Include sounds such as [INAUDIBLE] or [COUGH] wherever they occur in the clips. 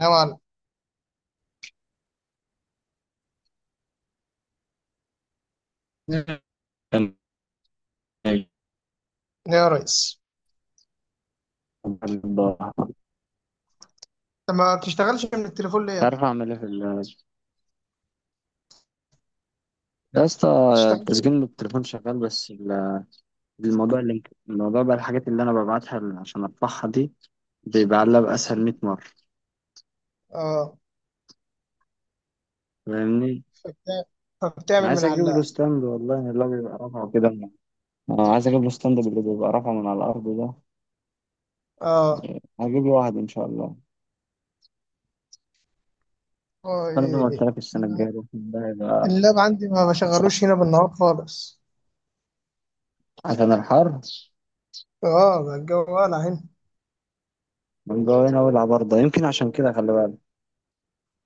نوعا مش لا يا ريس. انت ما بتشتغلش من التليفون ليه؟ ما عارف اعمل ايه في ال يا اسطى. بتشتغلش من التسجيل من التليفون شغال بس الموضوع اللي الموضوع بقى الحاجات اللي انا ببعتها ل- عشان ارفعها دي بيبقى علبة اسهل التليفون. 100 مرة. اه، فاهمني. فبتع- انا فبتعمل عايز من على اجيب له اللاب. ستاند والله اللي هو بيبقى رافعه كده انا عايز اجيب له ستاند اللي بيبقى رافعه من على الارض ده. اه، هجيب له واحد ان شاء الله. اه، إيه انا زي ما قلت إيه. لك السنه الجايه ده هيبقى اللاب عندي ما مش عارف، بشغلوش هنا بالنهار خالص. عشان الحر اه، ما الجو ولا هنا. من جوه هنا والعب برضه يمكن عشان كده خلي بالك.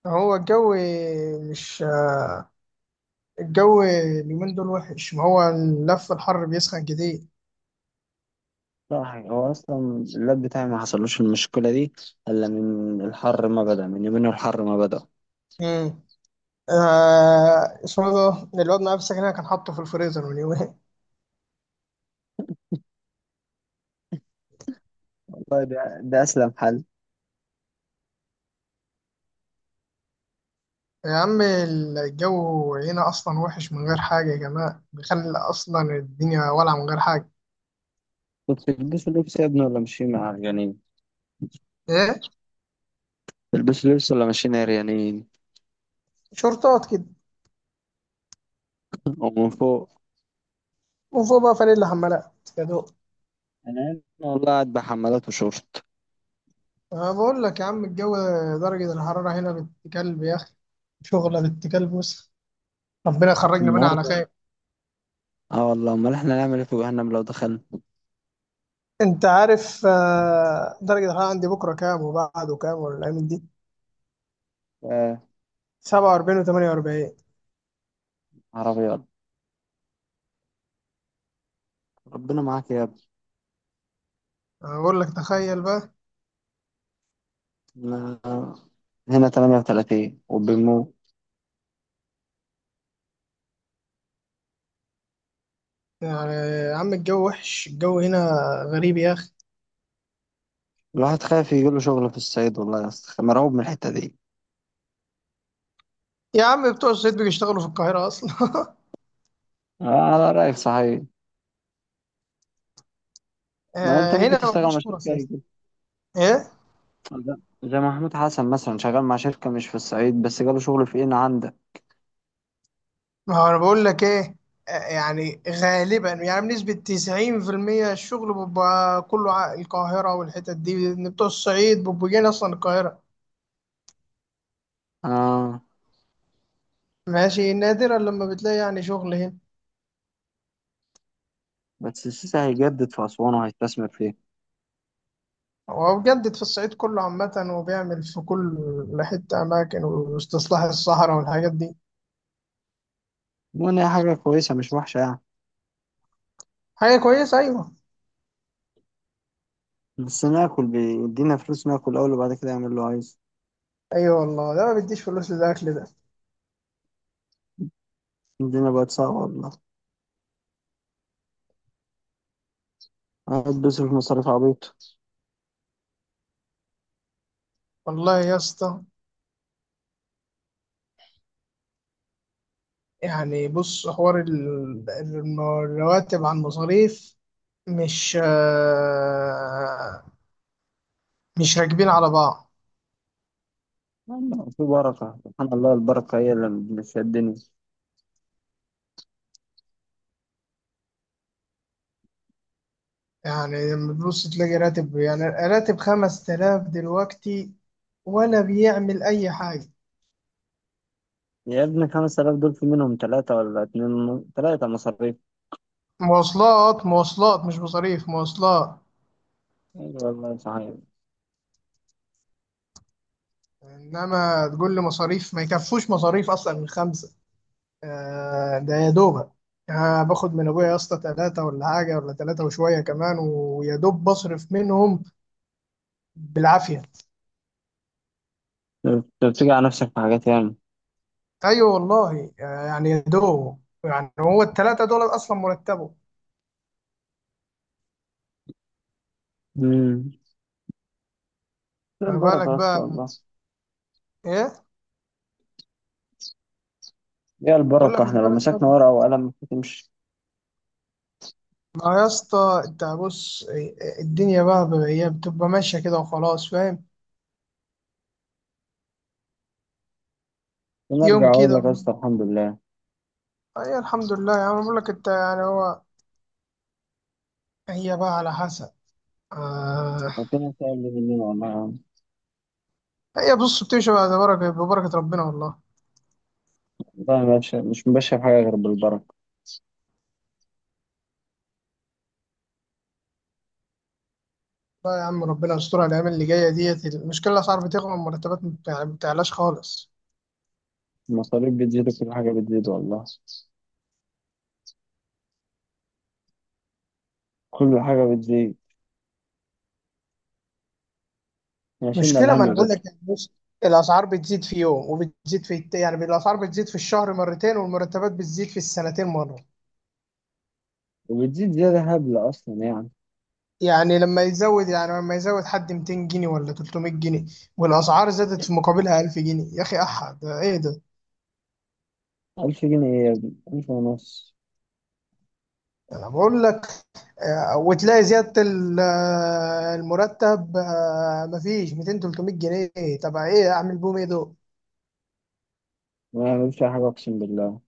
هو الجو مش آه، الجو اليومين دول وحش، ما هو اللف الحر بيسخن كتير. صح، هو اصلا اللاب بتاعي ما حصلوش المشكله دي الا من الحر، ما بدا من يومين الحر ما بدا. امم اسمه ده الواد معايا في السكن هنا كان حاطه في الفريزر من يومين. والله ده اسلم حل. يا عم الجو هنا أصلا وحش من غير حاجة يا جماعة، بيخلي أصلا الدنيا ولعة من غير حاجة. كنت تلبسوا لبس يا ابني ولا ماشيين عريانين؟ إيه؟ تلبسوا لبس ولا ماشيين عريانين؟ شرطات كده، [LAUGHS] ومن فوق. وفوق بقى فانيلا حمالات يا دوب. انا هنا والله قاعد بحمالات وشورت. أنا بقول لك يا عم الجو، درجة الحرارة هنا بنت كلب يا أخي، شغلة بنت كلب. بص، ربنا يخرجنا منها على النهارده خير. اه والله، امال احنا نعمل ايه في جهنم لو دخلنا؟ انت عارف درجة الحرارة عندي بكرة كام وبعده كام ولا الأيام دي؟ آه. 47 و48. عربيات. ربنا معاك يا ابني. أنا بقول لك تخيل بقى. أنا هنا 38 وبنموت. يعني يا عم الجو وحش، الجو هنا غريب يا أخي. الواحد خايف يجيله شغل في الصعيد والله يا اسطى، مرعوب من الحته دي. يا عم بتوع الصعيد بيشتغلوا في القاهرة أصلا [LAUGHS] آه، على رايك صحيح. ما انت آه، ممكن هنا تشتغل مع مفيش شركة فرص يا اسطى. إيه؟ لا، زي محمود حسن مثلا شغال مع شركة مش في الصعيد بس جاله شغل في ان عندك. ما هو أنا بقول لك إيه، آه، يعني غالبا يعني بنسبة 90% الشغل بيبقى كله القاهرة والحتت دي، لأن بتوع الصعيد بيبقوا جايين أصلا القاهرة. اه. ماشي، نادرا لما بتلاقي يعني شغل هنا. بس السيسي هيجدد في اسوان وهيستثمر فيه. هو بجد في الصعيد كله عامة، وبيعمل في كل حتة، أماكن واستصلاح الصحراء والحاجات دي. المهم هي حاجة كويسة مش وحشة يعني. حاجة كويسة أيوه. بس ناكل بيدينا فلوس، ناكل اول وبعد كده يعمل اللي هو عايزه. أيوه والله، ده ما بيديش فلوس للأكل ده. الدنيا بقت صعبة والله، قاعد بيصرف مصاريف عبيطة. والله يا اسطى، يعني بص حوار الرواتب عن المصاريف، مش آه، مش راكبين على بعض. يلا، في بركة سبحان الله، البركة هي اللي بتشدني. يعني لما تبص تلاقي راتب، يعني راتب 5000 دلوقتي ولا بيعمل أي حاجة. يا ابني 5000 دول في منهم ثلاثة، ولا اتنين ثلاثة مصاريف. مواصلات، مواصلات، مش مصاريف، مواصلات. أيوة والله صحيح. إنما تقول لي مصاريف، ما يكفوش مصاريف أصلا من خمسة. آه، ده يا دوبك. آه، باخد من أبويا يا اسطى تلاتة ولا حاجة، ولا تلاتة وشوية كمان ويا دوب بصرف منهم بالعافيه. أنت بتيجي على نفسك في حاجات يعني. ايوه والله، يعني يا دوب، يعني هو الثلاثه دول اصلا مرتبه. مم. هي ما بالك البركة يا اسطى بقى؟ والله. ايه؟ هي أنا بقول لك البركة، ما احنا لو بالك مسكنا بقى. ورقة وقلم مش هتمشي. ما يا اسطى انت بص، الدنيا بقى هي بتبقى ماشيه كده وخلاص فاهم، يوم ونرجع أقول كده لك يا ويوم. اسطى الحمد لله. اي الحمد لله، يعني أنا بقول لك انت يعني هو، هي بقى على حسب. آه، ربنا سهل لي مننا والله يا عم. هي بص بتمشي بقى، ببركه ببركه ربنا والله. والله ما بش- مش مبشر بحاجة غير بالبركة. لا يا عم، ربنا يسترها الايام اللي جايه ديت. المشكله الاسعار بتغلى، المرتبات ما بتعلاش خالص. المصاريف بتزيد وكل حاجة بتزيد والله، كل حاجة بتزيد. احنا شلنا مشكلة، ما انا الهم بقول بدري. لك يعني بص، الاسعار بتزيد في يوم وبتزيد في يعني الاسعار بتزيد في الشهر مرتين، والمرتبات بتزيد في السنتين مرة. وبتزيد زيادة هبلة أصلا يعني. يعني لما يزود، حد 200 جنيه ولا 300 جنيه، والاسعار زادت في مقابلها 1000 جنيه، يا اخي احد ايه ده؟ ألف جنيه إيه يا ابني، ألف ونص. انا بقول لك آه، وتلاقي زيادة المرتب مفيش 200 300 جنيه. طب ايه اعمل بهم، ايه دول؟ ما بعملش أي حاجة أقسم بالله.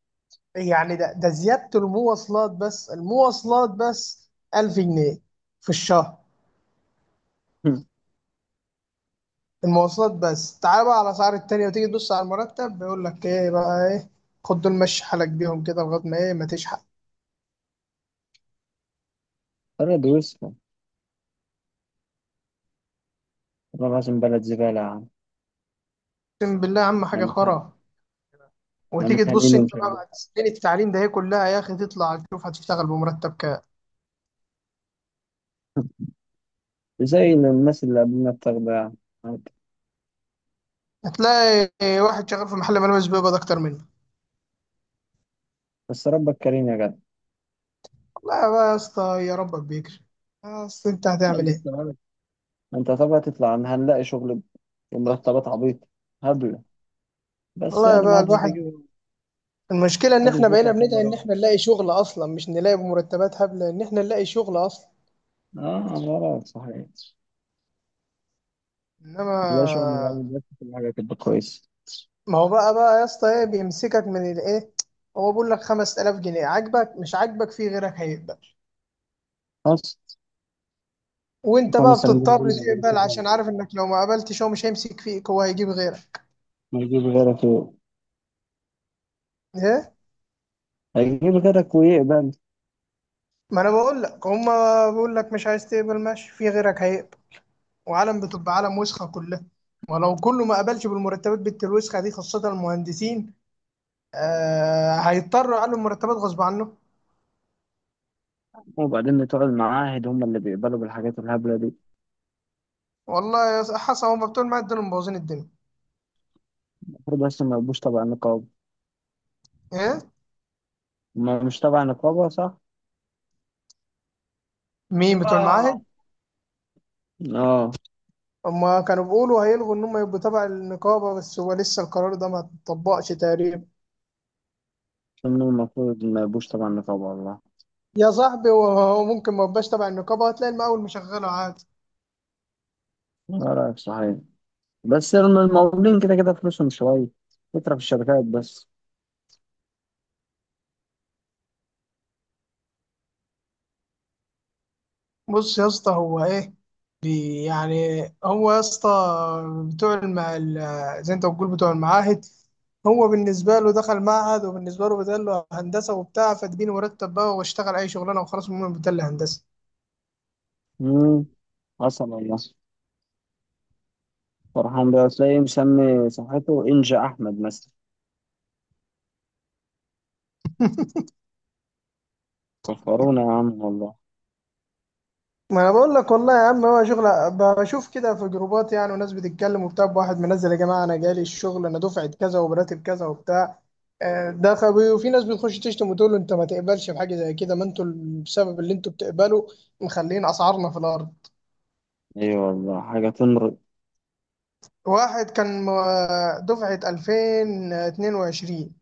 يعني ده زيادة المواصلات بس، المواصلات بس 1000 جنيه في الشهر. [LAUGHS] المواصلات بس، تعال بقى على الأسعار التانية وتيجي تبص على المرتب، بيقول لك إيه بقى إيه. خد دول مشي حالك بيهم كده لغاية ما إيه، ما تشحق. بلد وسخة. والله العظيم بلد زبالة يا عم. أقسم بالله يا عم احنا حاجة متهان- خرا. احنا وتيجي تبص متهانين أنت ومش بقى عارف بعد إيه. سنين التعليم ده، هي كلها يا أخي تطلع تشوف هتشتغل بمرتب كام. زي الناس اللي قبلنا بتاخدها. هتلاقي واحد شغال في محل ملابس بيقبض أكتر منه. بس ربك كريم يا جدع. والله بقى يا اسطى، يا ربك بيكرم. يا أسطى، أنت هتعمل ربك إيه؟ يعينك. انت طبعا تطلع عن هنلاقي شغل بمرتبات عبيطة هبلة. بس والله يعني ما بقى حدش بيجيب الواحد، ما المشكلة إن حدش إحنا بيطلع بقينا فيها بندعي مرة إن واحدة. إحنا نلاقي شغل أصلا، مش نلاقي بمرتبات هبلة، إن إحنا نلاقي شغل أصلا. اه مرة صحيح. إنما، هنلاقي شغل من الأول بس كل حاجة تبقى كويس. ما هو بقى يا اسطى ايه بيمسكك من الايه؟ هو بيقول لك 5000 جنيه، عاجبك مش عاجبك في غيرك هيقبل. بس وانت خمس بقى سنين دول بتضطر ما يعملوش تقبل، حاجة. عشان عارف انك لو ما قبلتش هو مش هيمسك فيك، هو هيجيب غيرك. ما يجيب غيرك و- ايه، هيجيب غيرك ويقبل. ما انا بقول لك هما بيقول لك مش عايز تقبل، ماشي، في غيرك هيقبل. وعالم بتبقى عالم وسخه كلها. ولو كله ما قبلش بالمرتبات بنت الوسخه دي، خاصه المهندسين، آه هيضطروا يعلوا المرتبات غصب عنه. وبعدين بتوع المعاهد هم اللي بيقبلوا بالحاجات الهبلة دي. والله يا اسطى، حسن هما بتوع المعاهد دول اللي مبوظين الدنيا. المفروض أصلا ما يبقوش تبع نقابة. ايه، ما مش تبع نقابة صح؟ مين بتوع المعاهد؟ اه، هما كانوا بيقولوا هيلغوا إن هما يبقوا تبع النقابة، بس هو لسه القرار ده ما اتطبقش تقريبا. إنهم المفروض ما يبقوش تبع النقابة والله. يا صاحبي، هو ممكن ما يبقاش تبع النقابة، هتلاقي المقاول مشغله عادي. لا صحيح. بس المقاولين كده كده فلوسهم شوية، فكرة في الشركات بس. بص يا اسطى، هو إيه، يعني هو يا اسطى، بتوع زي أنت بتقول بتوع المعاهد، هو بالنسبة له دخل معهد، وبالنسبة له بدل له هندسة وبتاع، فاديني مرتب بقى واشتغل أي شغلانة وخلاص، المهم بدل لي هندسة. مم. حصل والله. فرحان بيه، تلاقيه مسمي صفحته إنجا أحمد مثلا. فخرونا يا عم والله. ما انا بقول لك والله يا عم، هو شغل بشوف كده في جروبات يعني، وناس بتتكلم وبتاع، واحد منزل يا جماعه انا جالي الشغل، انا دفعه كذا وبراتب كذا وبتاع. آه، ده خبي. وفي ناس بتخش تشتم وتقول له انت ما تقبلش بحاجه زي كده، ما انتوا بسبب اللي انتوا بتقبلوا مخلين اسعارنا في الارض. أيوة والله حاجة تمر. واحد كان دفعه 2022